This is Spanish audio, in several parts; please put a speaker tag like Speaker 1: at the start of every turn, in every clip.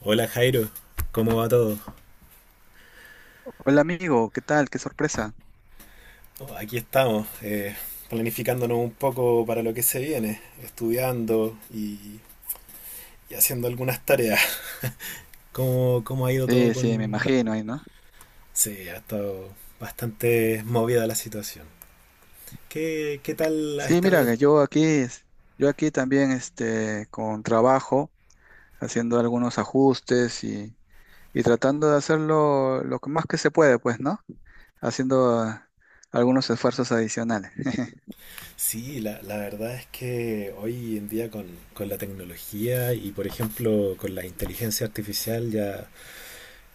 Speaker 1: Hola Jairo, ¿cómo va todo?
Speaker 2: Hola amigo, ¿qué tal? Qué sorpresa.
Speaker 1: Oh, aquí estamos, planificándonos un poco para lo que se viene, estudiando y haciendo algunas tareas. ¿Cómo ha ido todo
Speaker 2: Sí, me
Speaker 1: con...?
Speaker 2: imagino ahí, ¿no?
Speaker 1: Sí, ha estado bastante movida la situación. ¿Qué tal ha
Speaker 2: Sí, mira,
Speaker 1: estado?
Speaker 2: que yo aquí, yo aquí también, este, con trabajo, haciendo algunos ajustes y tratando de hacerlo lo que más que se puede, pues, ¿no? Haciendo algunos esfuerzos adicionales.
Speaker 1: Sí, la verdad es que hoy en día con la tecnología y por ejemplo con la inteligencia artificial ya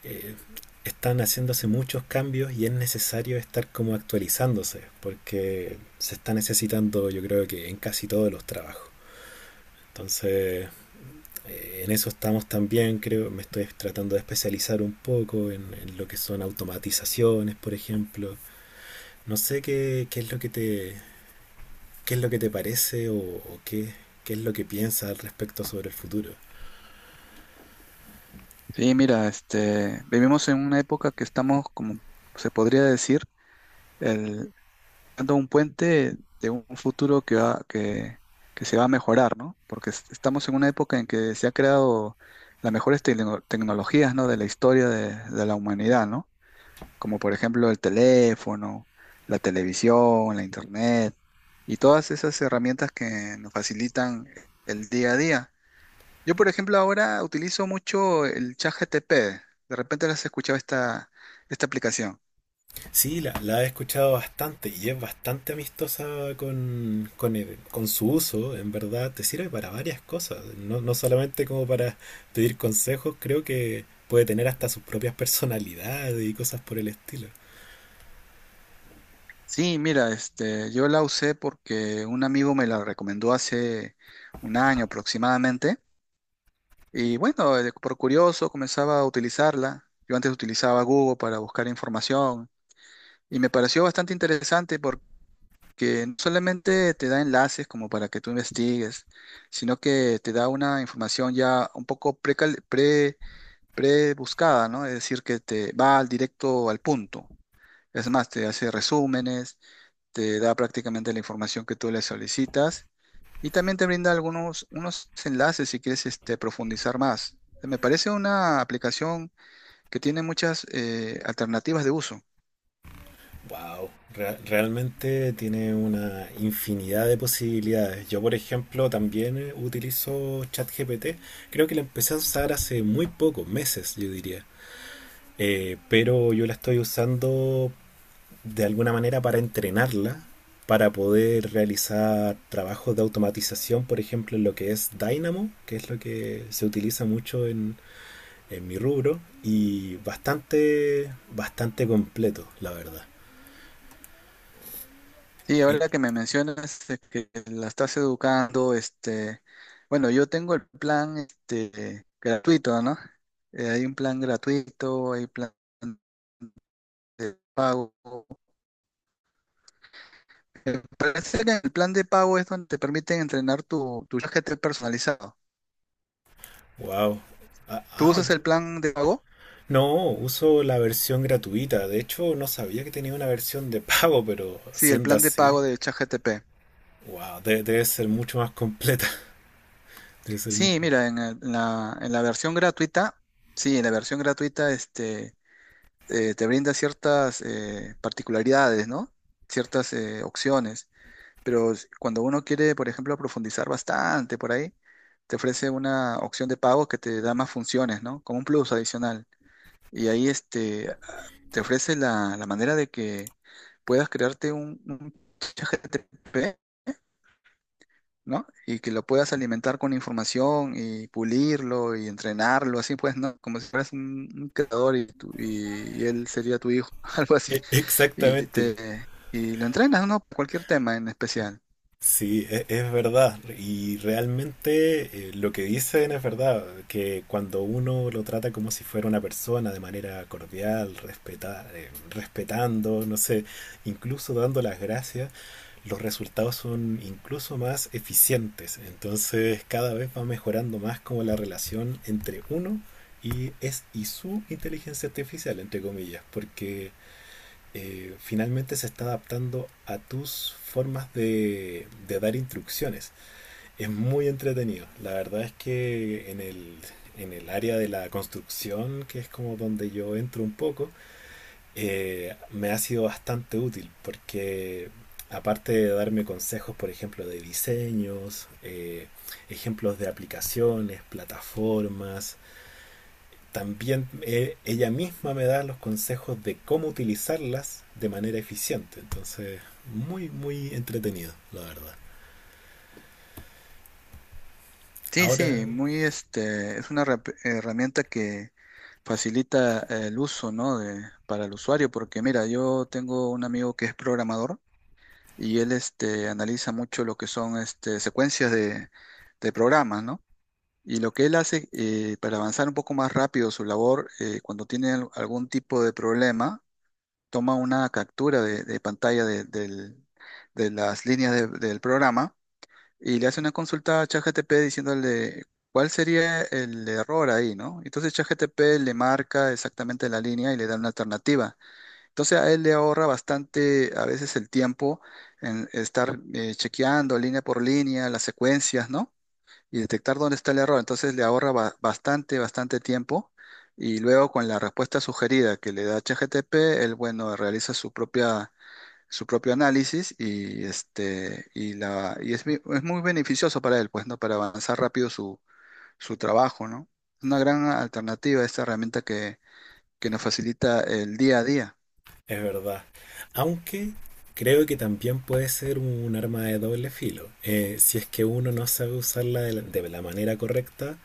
Speaker 1: eh, están haciéndose muchos cambios y es necesario estar como actualizándose, porque se está necesitando yo creo que en casi todos los trabajos. Entonces, en eso estamos también, creo, me estoy tratando de especializar un poco en lo que son automatizaciones, por ejemplo. No sé qué es lo que qué es lo que te parece o qué es lo que piensas al respecto sobre el futuro.
Speaker 2: Sí, mira, este, vivimos en una época que estamos, como se podría decir, creando un puente de un futuro que que se va a mejorar, ¿no? Porque estamos en una época en que se ha creado las mejores tecnologías, ¿no? De la historia de la humanidad, ¿no? Como por ejemplo el teléfono, la televisión, la internet y todas esas herramientas que nos facilitan el día a día. Yo, por ejemplo, ahora utilizo mucho el ChatGPT. De repente, ¿las has escuchado esta aplicación?
Speaker 1: Sí, la he escuchado bastante y es bastante amistosa con su uso. En verdad, te sirve para varias cosas. No, no solamente como para pedir consejos, creo que puede tener hasta sus propias personalidades y cosas por el estilo.
Speaker 2: Sí, mira, este, yo la usé porque un amigo me la recomendó hace un año aproximadamente. Y bueno, por curioso comenzaba a utilizarla. Yo antes utilizaba Google para buscar información y me pareció bastante interesante porque no solamente te da enlaces como para que tú investigues, sino que te da una información ya un poco pre-buscada, ¿no? Es decir, que te va al directo al punto. Es más, te hace resúmenes, te da prácticamente la información que tú le solicitas y también te brinda algunos unos enlaces si quieres este, profundizar más. Me parece una aplicación que tiene muchas alternativas de uso.
Speaker 1: Wow, realmente tiene una infinidad de posibilidades. Yo, por ejemplo, también utilizo ChatGPT. Creo que la empecé a usar hace muy poco, meses, yo diría. Pero yo la estoy usando de alguna manera para entrenarla, para poder realizar trabajos de automatización, por ejemplo, en lo que es Dynamo, que es lo que se utiliza mucho en mi rubro, y bastante, bastante completo, la verdad.
Speaker 2: Sí,
Speaker 1: Eh,
Speaker 2: ahora que me mencionas que la estás educando, este, bueno, yo tengo el plan este, gratuito, ¿no? Hay un plan gratuito, hay plan de pago. Me parece que el plan de pago es donde te permiten entrenar tu ChatGPT personalizado.
Speaker 1: wow. Ah,
Speaker 2: ¿Tú
Speaker 1: ah,
Speaker 2: usas el
Speaker 1: yo-
Speaker 2: plan de pago?
Speaker 1: no, uso la versión gratuita. De hecho, no sabía que tenía una versión de pago, pero
Speaker 2: Sí, el
Speaker 1: siendo
Speaker 2: plan de pago
Speaker 1: así,
Speaker 2: de ChatGTP.
Speaker 1: wow, debe ser mucho más completa. Debe ser mucho.
Speaker 2: Sí, mira, en la versión gratuita, sí, en la versión gratuita este, te brinda ciertas particularidades, ¿no? Ciertas opciones. Pero cuando uno quiere, por ejemplo, profundizar bastante por ahí, te ofrece una opción de pago que te da más funciones, ¿no? Como un plus adicional. Y ahí este, te ofrece la manera de que puedas crearte un PP, ¿no? Y que lo puedas alimentar con información y pulirlo y entrenarlo, así pues, ¿no? Como si fueras un creador y él sería tu hijo, algo así. Y
Speaker 1: Exactamente.
Speaker 2: te y lo entrenas, ¿no? Cualquier tema en especial.
Speaker 1: Sí, es verdad. Y realmente lo que dicen es verdad, que cuando uno lo trata como si fuera una persona de manera cordial, respetando, no sé, incluso dando las gracias, los resultados son incluso más eficientes. Entonces cada vez va mejorando más como la relación entre uno y es y su inteligencia artificial, entre comillas, porque finalmente se está adaptando a tus formas de dar instrucciones. Es muy entretenido. La verdad es que en en el área de la construcción, que es como donde yo entro un poco, me ha sido bastante útil porque aparte de darme consejos, por ejemplo, de diseños, ejemplos de aplicaciones, plataformas, también ella misma me da los consejos de cómo utilizarlas de manera eficiente. Entonces, muy, muy entretenido, la verdad.
Speaker 2: Sí, sí,
Speaker 1: Ahora,
Speaker 2: muy este, es una herramienta que facilita el uso, ¿no? de- para el usuario, porque mira, yo tengo un amigo que es programador y él este, analiza mucho lo que son este, secuencias de programas, ¿no? Y lo que él hace para avanzar un poco más rápido su labor, cuando tiene algún tipo de problema, toma una captura de pantalla de las líneas del programa y le hace una consulta a ChatGPT diciéndole cuál sería el error ahí, ¿no? Entonces ChatGPT le marca exactamente la línea y le da una alternativa. Entonces a él le ahorra bastante a veces el tiempo en estar chequeando línea por línea las secuencias, ¿no?, y detectar dónde está el error. Entonces le ahorra bastante tiempo. Y luego con la respuesta sugerida que le da ChatGPT, él, bueno, realiza su propia, su propio análisis y es muy beneficioso para él, pues, ¿no? Para avanzar rápido su trabajo, ¿no? Una gran alternativa a esta herramienta que nos facilita el día a día.
Speaker 1: es verdad. Aunque creo que también puede ser un arma de doble filo. Si es que uno no sabe usarla de de la manera correcta,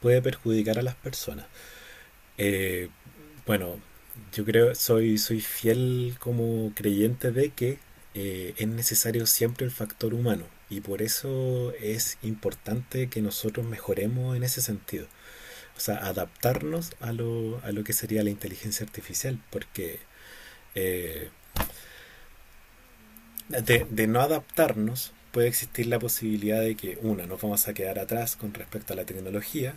Speaker 1: puede perjudicar a las personas. Eh, Bueno, yo creo, soy, soy fiel como creyente de que es necesario siempre el factor humano y por eso es importante que nosotros mejoremos en ese sentido. O sea, adaptarnos a a lo que sería la inteligencia artificial, porque eh, de no adaptarnos, puede existir la posibilidad de que, una, nos vamos a quedar atrás con respecto a la tecnología.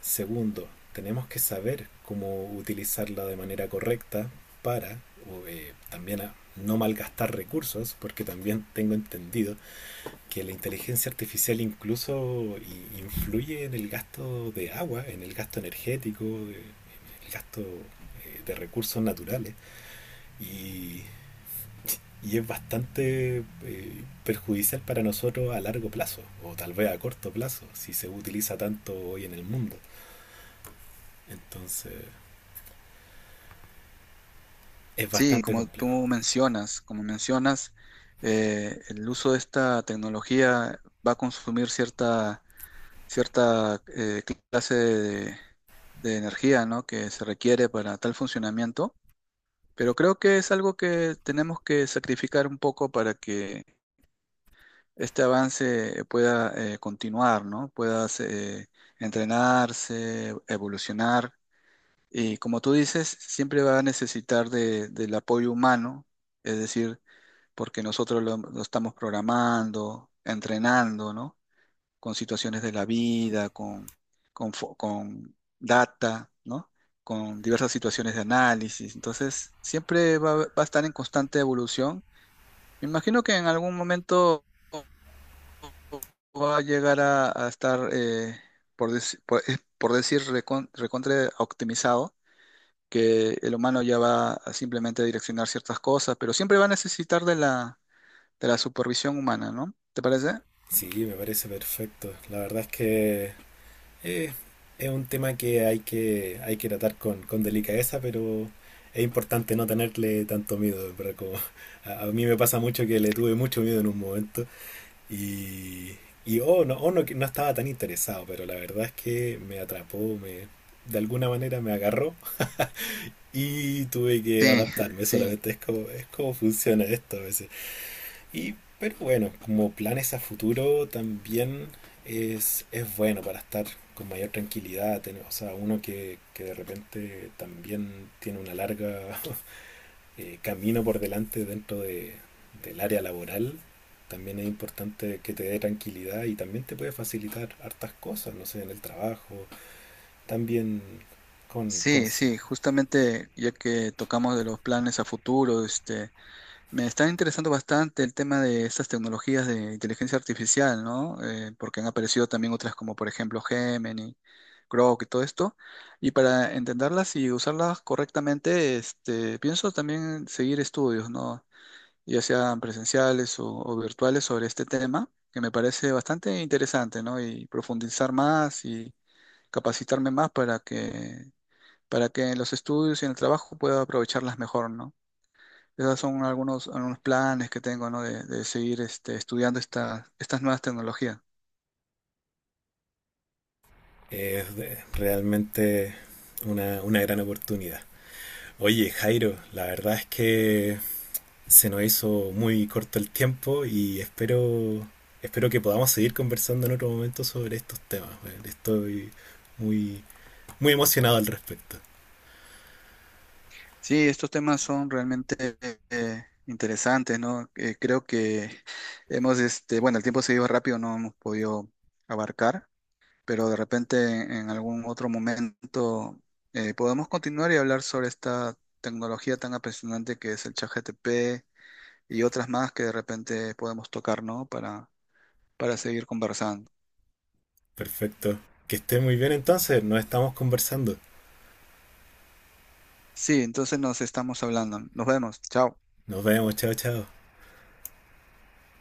Speaker 1: Segundo, tenemos que saber cómo utilizarla de manera correcta para también a no malgastar recursos, porque también tengo entendido que la inteligencia artificial incluso influye en el gasto de agua, en el gasto energético, en el gasto de recursos naturales. Y y es bastante perjudicial para nosotros a largo plazo, o tal vez a corto plazo, si se utiliza tanto hoy en el mundo. Entonces, es
Speaker 2: Sí,
Speaker 1: bastante
Speaker 2: como tú
Speaker 1: complejo.
Speaker 2: mencionas, como mencionas, el uso de esta tecnología va a consumir cierta clase de energía, ¿no?, que se requiere para tal funcionamiento, pero creo que es algo que tenemos que sacrificar un poco para que este avance pueda continuar, ¿no?, pueda entrenarse, evolucionar. Y como tú dices, siempre va a necesitar del apoyo humano, es decir, porque nosotros lo estamos programando, entrenando, ¿no?, con situaciones de la vida, con data, ¿no? Con diversas situaciones de análisis. Entonces, siempre va a estar en constante evolución. Me imagino que en algún momento va a llegar a estar, por decir, recontra optimizado, que el humano ya va a simplemente direccionar ciertas cosas, pero siempre va a necesitar de de la supervisión humana, ¿no? ¿Te parece?
Speaker 1: Sí, me parece perfecto. La verdad es que eh, es un tema que hay hay que tratar con delicadeza, pero es importante no tenerle tanto miedo, ¿verdad? Como a mí me pasa mucho que le tuve mucho miedo en un momento. Y, y oh, no, oh, no, que no estaba tan interesado, pero la verdad es que me atrapó, me, de alguna manera me agarró y tuve que
Speaker 2: Sí,
Speaker 1: adaptarme.
Speaker 2: sí.
Speaker 1: Solamente es como funciona esto a veces. Y, pero bueno, como planes a futuro también es bueno para estar con mayor tranquilidad. O sea, uno que de repente también tiene una larga camino por delante dentro del área laboral, también es importante que te dé tranquilidad y también te puede facilitar hartas cosas, no sé, en el trabajo, también con
Speaker 2: Sí,
Speaker 1: consejos.
Speaker 2: sí, justamente ya que tocamos de los planes a futuro, este, me está interesando bastante el tema de estas tecnologías de inteligencia artificial, ¿no? Porque han aparecido también otras como por ejemplo Gemini, Grok y todo esto. Y para entenderlas y usarlas correctamente, este, pienso también seguir estudios, ¿no? Ya sean presenciales o virtuales sobre este tema, que me parece bastante interesante, ¿no? Y profundizar más y capacitarme más para que en los estudios y en el trabajo pueda aprovecharlas mejor, ¿no? Esos son algunos, algunos planes que tengo, ¿no? De seguir este, estas nuevas tecnologías.
Speaker 1: Es realmente una gran oportunidad. Oye, Jairo, la verdad es que se nos hizo muy corto el tiempo y espero, espero que podamos seguir conversando en otro momento sobre estos temas. Estoy muy, muy emocionado al respecto.
Speaker 2: Sí, estos temas son realmente interesantes, ¿no? Creo que hemos, este, bueno, el tiempo se iba rápido, no hemos podido abarcar, pero de repente en algún otro momento podemos continuar y hablar sobre esta tecnología tan apasionante que es el ChatGPT y otras más que de repente podemos tocar, ¿no? Para seguir conversando.
Speaker 1: Perfecto. Que esté muy bien entonces. Nos estamos conversando.
Speaker 2: Sí, entonces nos estamos hablando. Nos vemos. Chao.
Speaker 1: Nos vemos. Chao, chao.